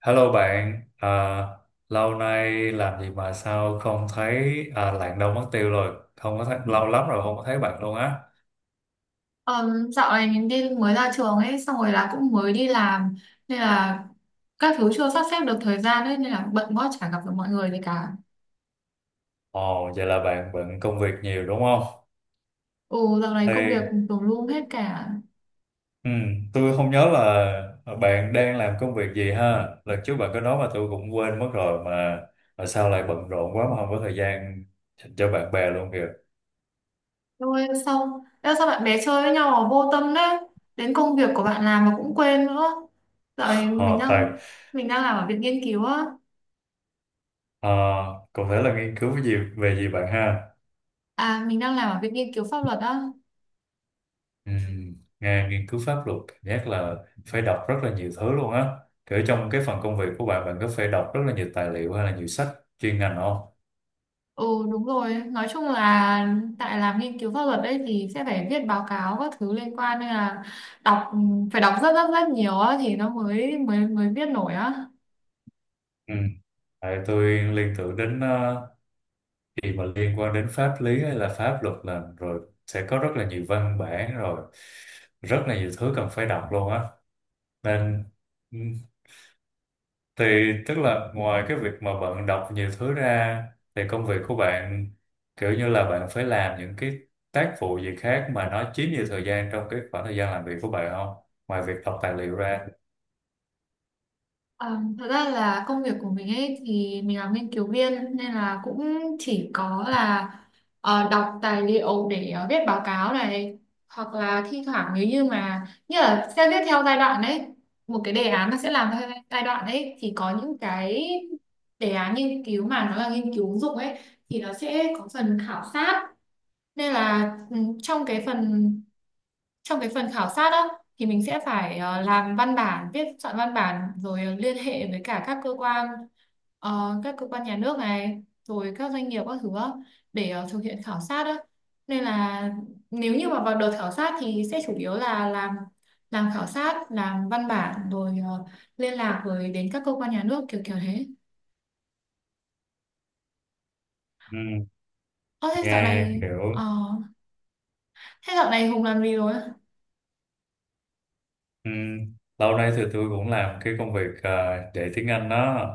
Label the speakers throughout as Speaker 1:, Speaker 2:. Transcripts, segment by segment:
Speaker 1: Hello bạn, lâu nay làm gì mà sao không thấy, Lạng Đông mất tiêu rồi, không có thấy. Ừ, lâu lắm rồi không có thấy bạn luôn á.
Speaker 2: Dạo này mình đi mới ra trường ấy xong rồi là cũng mới đi làm nên là các thứ chưa sắp xếp được thời gian ấy nên là bận quá chả gặp được mọi người gì cả.
Speaker 1: Ồ, vậy là bạn bận công việc nhiều đúng không?
Speaker 2: Ừ, dạo này công
Speaker 1: Thì
Speaker 2: việc tùm lum hết cả.
Speaker 1: ừ, tôi không nhớ là bạn đang làm công việc gì ha. Lần trước bạn có nói mà tôi cũng quên mất rồi, mà sao lại bận rộn quá mà không có thời gian dành cho bạn bè luôn kìa.
Speaker 2: Rồi xong. Ê, sao bạn bè chơi với nhau mà vô tâm đấy. Đến công việc của bạn làm mà cũng quên nữa. Dạo này mình
Speaker 1: Ờ, tại
Speaker 2: đang mình đang làm ở viện nghiên cứu á.
Speaker 1: ờ, cụ thể là nghiên cứu cái gì về gì bạn ha?
Speaker 2: À, mình đang làm ở viện nghiên cứu pháp luật á.
Speaker 1: Ừ. Nghe nghiên cứu pháp luật giác là phải đọc rất là nhiều thứ luôn á, kiểu trong cái phần công việc của bạn bạn có phải đọc rất là nhiều tài liệu hay là nhiều sách chuyên ngành không?
Speaker 2: Ừ đúng rồi, nói chung là tại làm nghiên cứu pháp luật đấy thì sẽ phải viết báo cáo các thứ liên quan nên là đọc phải đọc rất rất rất nhiều á thì nó mới mới mới viết nổi á.
Speaker 1: Ừ. Tại tôi liên tưởng đến, gì mà liên quan đến pháp lý hay là pháp luật là rồi sẽ có rất là nhiều văn bản, rồi rất là nhiều thứ cần phải đọc luôn á, nên Thì tức là ngoài cái việc mà bạn đọc nhiều thứ ra thì công việc của bạn kiểu như là bạn phải làm những cái tác vụ gì khác mà nó chiếm nhiều thời gian trong cái khoảng thời gian làm việc của bạn không? Ngoài việc đọc tài liệu ra.
Speaker 2: Ờ, Thật ra là công việc của mình ấy thì mình là nghiên cứu viên nên là cũng chỉ có là đọc tài liệu để viết báo cáo này, hoặc là thi thoảng nếu như mà như là sẽ viết theo giai đoạn đấy, một cái đề án nó sẽ làm theo giai đoạn đấy thì có những cái đề án nghiên cứu mà nó là nghiên cứu ứng dụng ấy thì nó sẽ có phần khảo sát. Nên là ừ, trong cái phần trong cái phần khảo sát á thì mình sẽ phải làm văn bản viết soạn văn bản rồi liên hệ với cả các cơ quan nhà nước này rồi các doanh nghiệp các thứ á, để thực hiện khảo sát á, nên là nếu như mà vào đợt khảo sát thì sẽ chủ yếu là làm khảo sát làm văn bản rồi liên lạc với đến các cơ quan nhà nước kiểu kiểu thế.
Speaker 1: Ừ,
Speaker 2: Ơ thế dạo
Speaker 1: nghe
Speaker 2: này ờ,
Speaker 1: kiểu
Speaker 2: thế dạo này Hùng làm gì rồi?
Speaker 1: ừ, lâu nay thì tôi cũng làm cái công việc, dạy tiếng Anh đó.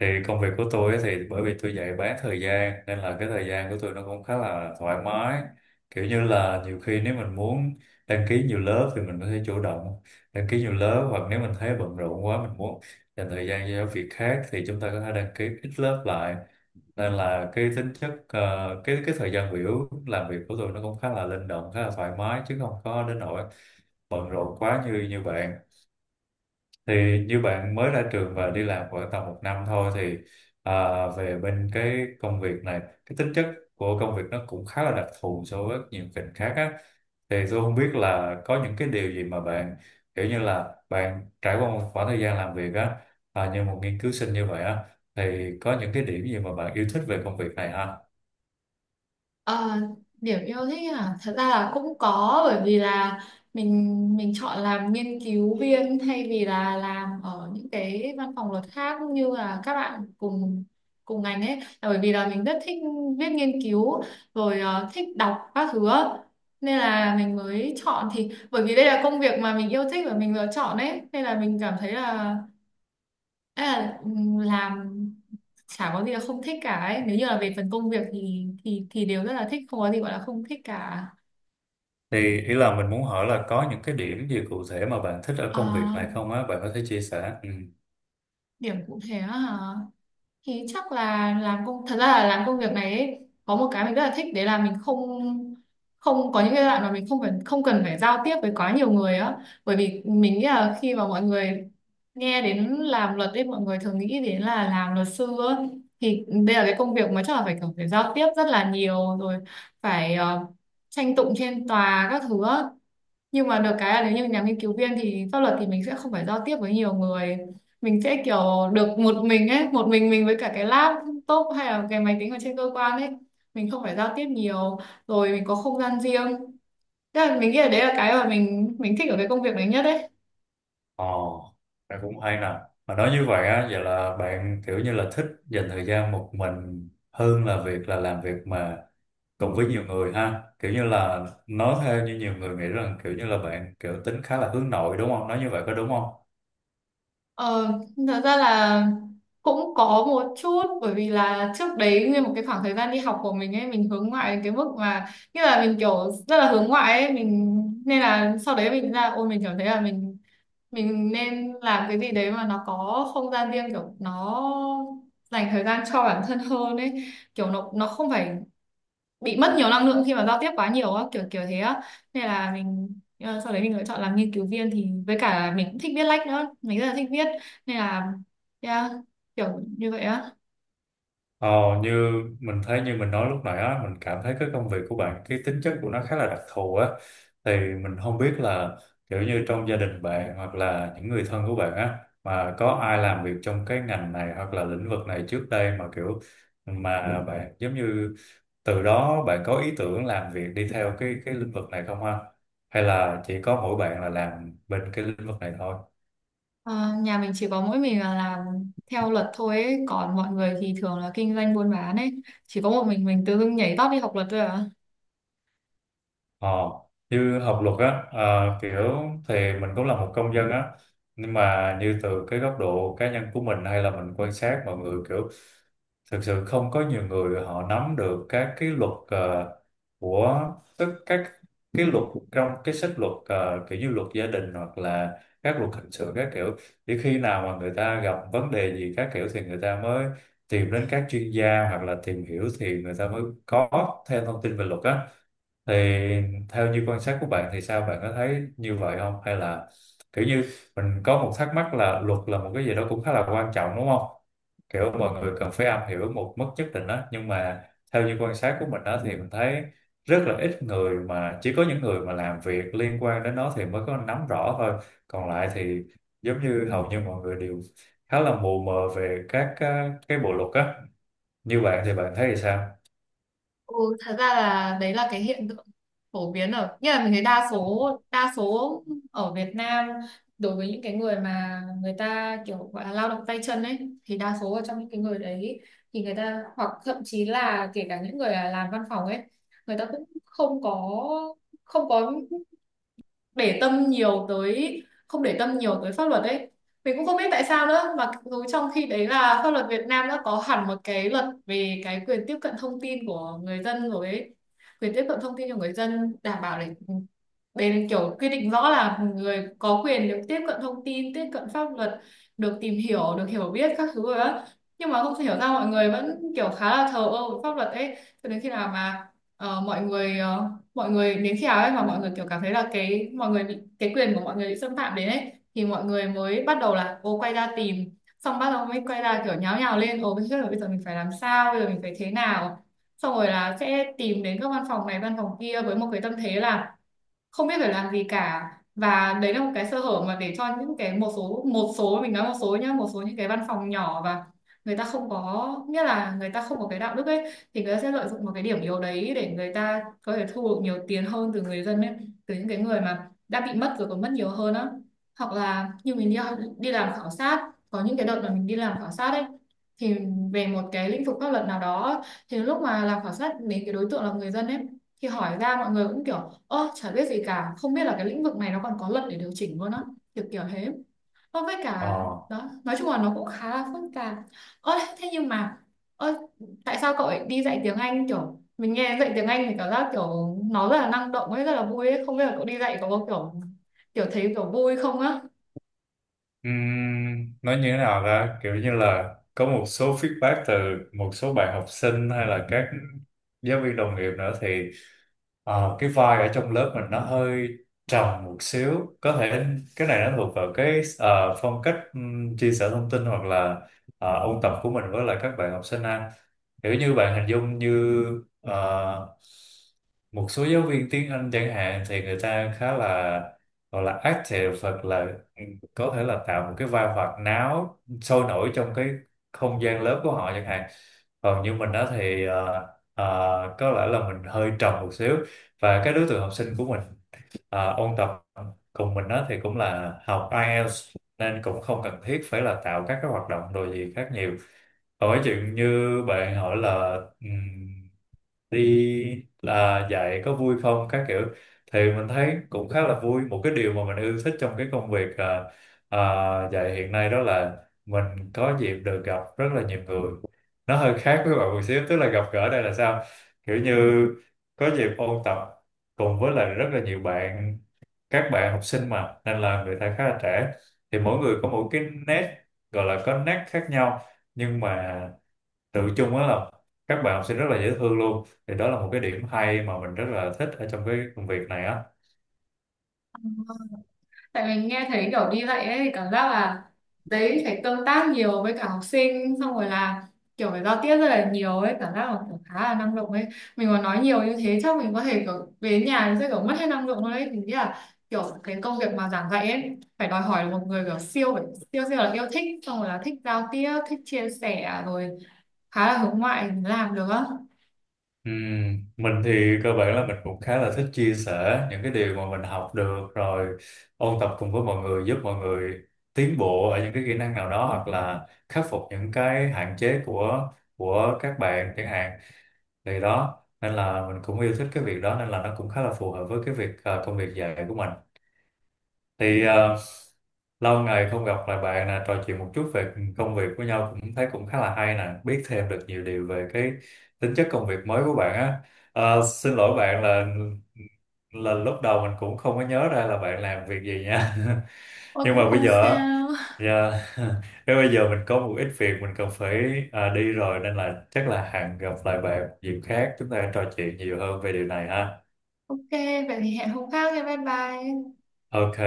Speaker 1: Thì công việc của tôi ấy, thì bởi vì tôi dạy bán thời gian nên là cái thời gian của tôi nó cũng khá là thoải mái, kiểu như là nhiều khi nếu mình muốn đăng ký nhiều lớp thì mình có thể chủ động đăng ký nhiều lớp, hoặc nếu mình thấy bận rộn quá mình muốn dành thời gian cho việc khác thì chúng ta có thể đăng ký ít lớp lại. Nên là cái tính chất, cái thời gian biểu làm việc của tôi nó cũng khá là linh động, khá là thoải mái, chứ không có đến nỗi bận rộn quá như như bạn. Thì như bạn mới ra trường và đi làm khoảng tầm một năm thôi thì, về bên cái công việc này, cái tính chất của công việc nó cũng khá là đặc thù so với nhiều ngành khác á, thì tôi không biết là có những cái điều gì mà bạn kiểu như là bạn trải qua một khoảng thời gian làm việc á, như một nghiên cứu sinh như vậy á, thì có những cái điểm gì mà bạn yêu thích về công việc này ha?
Speaker 2: Ờ, điểm yêu thích à, thật ra là cũng có, bởi vì là mình mình chọn làm nghiên cứu viên thay vì là làm ở những cái văn phòng luật khác như là các bạn cùng cùng ngành ấy, là bởi vì là mình rất thích viết nghiên cứu rồi thích đọc các thứ á. Nên là mình mới chọn, thì bởi vì đây là công việc mà mình yêu thích và mình lựa chọn ấy nên là mình cảm thấy là, ê, làm chả có gì là không thích cả ấy. Nếu như là về phần công việc thì thì đều rất là thích, không có gì gọi là không thích cả.
Speaker 1: Thì ý là mình muốn hỏi là có những cái điểm gì cụ thể mà bạn thích ở công việc
Speaker 2: À,
Speaker 1: này không á, bạn có thể chia sẻ. Ừ.
Speaker 2: điểm cụ thể á hả? Thì chắc là làm công, thật ra là làm công việc này ấy, có một cái mình rất là thích đấy là mình không không có những cái đoạn mà mình không phải không cần phải giao tiếp với quá nhiều người á, bởi vì mình nghĩ là khi mà mọi người nghe đến làm luật ấy mọi người thường nghĩ đến là làm luật sư á. Thì đây là cái công việc mà chắc là phải kiểu phải giao tiếp rất là nhiều rồi, phải tranh tụng trên tòa các thứ á, nhưng mà được cái là nếu như nhà nghiên cứu viên thì pháp luật thì mình sẽ không phải giao tiếp với nhiều người, mình sẽ kiểu được một mình ấy, một mình với cả cái laptop hay là cái máy tính ở trên cơ quan ấy, mình không phải giao tiếp nhiều rồi mình có không gian riêng. Thế là mình nghĩ là đấy là cái mà mình thích ở cái công việc này nhất đấy.
Speaker 1: Ồ, bạn cũng hay nè. Mà nói như vậy á, vậy là bạn kiểu như là thích dành thời gian một mình hơn là việc là làm việc mà cùng với nhiều người ha. Kiểu như là nói theo như nhiều người nghĩ rằng kiểu như là bạn kiểu tính khá là hướng nội đúng không? Nói như vậy có đúng không?
Speaker 2: Ờ, thật ra là cũng có một chút, bởi vì là trước đấy nguyên một cái khoảng thời gian đi học của mình ấy mình hướng ngoại đến cái mức mà như là mình kiểu rất là hướng ngoại ấy, mình nên là sau đấy mình ra, ôi mình cảm thấy là mình nên làm cái gì đấy mà nó có không gian riêng, kiểu nó dành thời gian cho bản thân hơn ấy, kiểu nó không phải bị mất nhiều năng lượng khi mà giao tiếp quá nhiều á, kiểu kiểu thế á. Nên là mình sau đấy mình lựa chọn làm nghiên cứu viên, thì với cả là mình cũng thích viết lách nữa, mình rất là thích viết. Nên là yeah, kiểu như vậy á.
Speaker 1: Ờ, như mình thấy như mình nói lúc nãy á, mình cảm thấy cái công việc của bạn, cái tính chất của nó khá là đặc thù á, thì mình không biết là kiểu như trong gia đình bạn hoặc là những người thân của bạn á mà có ai làm việc trong cái ngành này hoặc là lĩnh vực này trước đây, mà kiểu mà bạn giống như từ đó bạn có ý tưởng làm việc đi theo cái lĩnh vực này không ha, hay là chỉ có mỗi bạn là làm bên cái lĩnh vực này thôi?
Speaker 2: Ờ, nhà mình chỉ có mỗi mình là làm theo luật thôi ấy. Còn mọi người thì thường là kinh doanh buôn bán ấy, chỉ có một mình tự dưng nhảy tót đi học luật thôi à.
Speaker 1: Ờ, như học luật á, ờ, kiểu thì mình cũng là một công dân á, nhưng mà như từ cái góc độ cá nhân của mình hay là mình quan sát mọi người, kiểu thực sự không có nhiều người họ nắm được các cái luật, ờ, của tức các cái luật trong cái sách luật, kiểu như luật gia đình hoặc là các luật hình sự các kiểu. Chỉ khi nào mà người ta gặp vấn đề gì các kiểu thì người ta mới tìm đến các chuyên gia hoặc là tìm hiểu thì người ta mới có thêm thông tin về luật á. Thì theo như quan sát của bạn thì sao, bạn có thấy như vậy không hay là kiểu như, mình có một thắc mắc là luật là một cái gì đó cũng khá là quan trọng đúng không, kiểu mọi người cần phải am hiểu một mức nhất định đó, nhưng mà theo như quan sát của mình đó thì mình thấy rất là ít người, mà chỉ có những người mà làm việc liên quan đến nó thì mới có nắm rõ thôi, còn lại thì giống như hầu như mọi người đều khá là mù mờ về các cái bộ luật á. Như bạn thì bạn thấy thì sao?
Speaker 2: Ừ, thật ra là đấy là cái hiện tượng phổ biến, ở như là mình thấy đa số ở Việt Nam, đối với những cái người mà người ta kiểu gọi là lao động tay chân ấy, thì đa số ở trong những cái người đấy thì người ta, hoặc thậm chí là kể cả những người là làm văn phòng ấy, người ta cũng không có không có để tâm nhiều tới, không để tâm nhiều tới pháp luật ấy. Mình cũng không biết tại sao nữa, mà dù trong khi đấy là pháp luật Việt Nam đã có hẳn một cái luật về cái quyền tiếp cận thông tin của người dân rồi ấy, quyền tiếp cận thông tin cho người dân đảm bảo để, đây là kiểu quy định rõ là người có quyền được tiếp cận thông tin tiếp cận pháp luật, được tìm hiểu được hiểu biết các thứ rồi đó, nhưng mà không thể hiểu sao mọi người vẫn kiểu khá là thờ ơ với pháp luật ấy. Cho đến khi nào mà ờ, mọi người ờ, mọi người nếu khi nào ấy mà mọi người kiểu cảm thấy là cái mọi người bị cái quyền của mọi người bị xâm phạm đến ấy thì mọi người mới bắt đầu là ô quay ra tìm, xong bắt đầu mới quay ra kiểu nháo nhào lên, ô bây giờ mình phải làm sao, bây giờ mình phải thế nào, xong rồi là sẽ tìm đến các văn phòng này văn phòng kia với một cái tâm thế là không biết phải làm gì cả. Và đấy là một cái sơ hở mà để cho những cái một số mình nói một số nhá, một số những cái văn phòng nhỏ và người ta không có nghĩa là người ta không có cái đạo đức ấy, thì người ta sẽ lợi dụng một cái điểm yếu đấy để người ta có thể thu được nhiều tiền hơn từ người dân ấy, từ những cái người mà đã bị mất rồi còn mất nhiều hơn á. Hoặc là như mình đi, đi làm khảo sát, có những cái đợt mà mình đi làm khảo sát ấy thì về một cái lĩnh vực pháp luật nào đó, thì lúc mà làm khảo sát đến cái đối tượng là người dân ấy, thì hỏi ra mọi người cũng kiểu ơ chả biết gì cả, không biết là cái lĩnh vực này nó còn có luật để điều chỉnh luôn á, kiểu kiểu thế. Ờ, với
Speaker 1: Ờ.
Speaker 2: cả đó nói chung là nó cũng khá là phức tạp. Ơ thế nhưng mà, ơ, tại sao cậu lại đi dạy tiếng Anh? Kiểu mình nghe dạy tiếng Anh thì cảm giác kiểu nó rất là năng động ấy, rất là vui ấy, không biết là cậu đi dạy có kiểu kiểu thấy kiểu vui không á?
Speaker 1: Ừm, nói như thế nào ra, kiểu như là có một số feedback từ một số bạn học sinh hay là các giáo viên đồng nghiệp nữa, thì cái vai ở trong lớp mình nó hơi trầm một xíu. Có thể cái này nó thuộc vào cái, phong cách chia sẻ thông tin hoặc là ôn tập của mình với lại các bạn học sinh ha. Kiểu như bạn hình dung như, ờ, một số giáo viên tiếng Anh chẳng hạn thì người ta khá là, gọi là active, hoặc là ừ, có thể là tạo một cái vai hoạt náo sôi nổi trong cái không gian lớp của họ chẳng hạn. Còn như mình đó thì có lẽ là mình hơi trầm một xíu, và cái đối tượng học sinh của mình ôn tập cùng mình đó thì cũng là học IELTS, nên cũng không cần thiết phải là tạo các cái hoạt động đồ gì khác nhiều. Hỏi chuyện như bạn hỏi là, đi là dạy có vui không các kiểu, thì mình thấy cũng khá là vui. Một cái điều mà mình yêu thích trong cái công việc, à, dạy hiện nay đó là mình có dịp được gặp rất là nhiều người. Nó hơi khác với bạn một xíu, tức là gặp gỡ đây là sao, kiểu như có dịp ôn tập cùng với lại rất là nhiều bạn, các bạn học sinh mà, nên là người ta khá là trẻ, thì mỗi người có một cái nét, gọi là có nét khác nhau, nhưng mà tự chung á là các bạn học sinh rất là dễ thương luôn. Thì đó là một cái điểm hay mà mình rất là thích ở trong cái công việc này á.
Speaker 2: Tại mình nghe thấy kiểu đi dạy ấy thì cảm giác là đấy phải tương tác nhiều với cả học sinh, xong rồi là kiểu phải giao tiếp rất là nhiều ấy, cảm giác là kiểu khá là năng động ấy. Mình mà nói nhiều như thế chắc mình có thể kiểu về nhà sẽ kiểu mất hết năng lượng luôn ấy. Mình nghĩ là kiểu cái công việc mà giảng dạy ấy phải đòi hỏi là một người kiểu siêu phải siêu siêu là yêu thích, xong rồi là thích giao tiếp thích chia sẻ rồi khá là hướng ngoại thì mới làm được á.
Speaker 1: Ừm, mình thì cơ bản là mình cũng khá là thích chia sẻ những cái điều mà mình học được, rồi ôn tập cùng với mọi người, giúp mọi người tiến bộ ở những cái kỹ năng nào đó hoặc là khắc phục những cái hạn chế của các bạn chẳng hạn. Thì đó, nên là mình cũng yêu thích cái việc đó, nên là nó cũng khá là phù hợp với cái việc, công việc dạy của mình. Thì à, lâu ngày không gặp lại bạn nè, trò chuyện một chút về công việc với nhau cũng thấy cũng khá là hay nè, biết thêm được nhiều điều về cái tính chất công việc mới của bạn á. Ờ, xin lỗi bạn là lúc đầu mình cũng không có nhớ ra là bạn làm việc gì nha.
Speaker 2: Ôi
Speaker 1: Nhưng
Speaker 2: cũng
Speaker 1: mà bây
Speaker 2: không
Speaker 1: giờ á,
Speaker 2: sao.
Speaker 1: dạ, nếu bây giờ mình có một ít việc mình cần phải, đi rồi, nên là chắc là hẹn gặp lại bạn dịp khác, chúng ta trò chuyện nhiều hơn về điều này ha.
Speaker 2: Ok, vậy thì hẹn hôm khác nha, bye bye.
Speaker 1: Ok.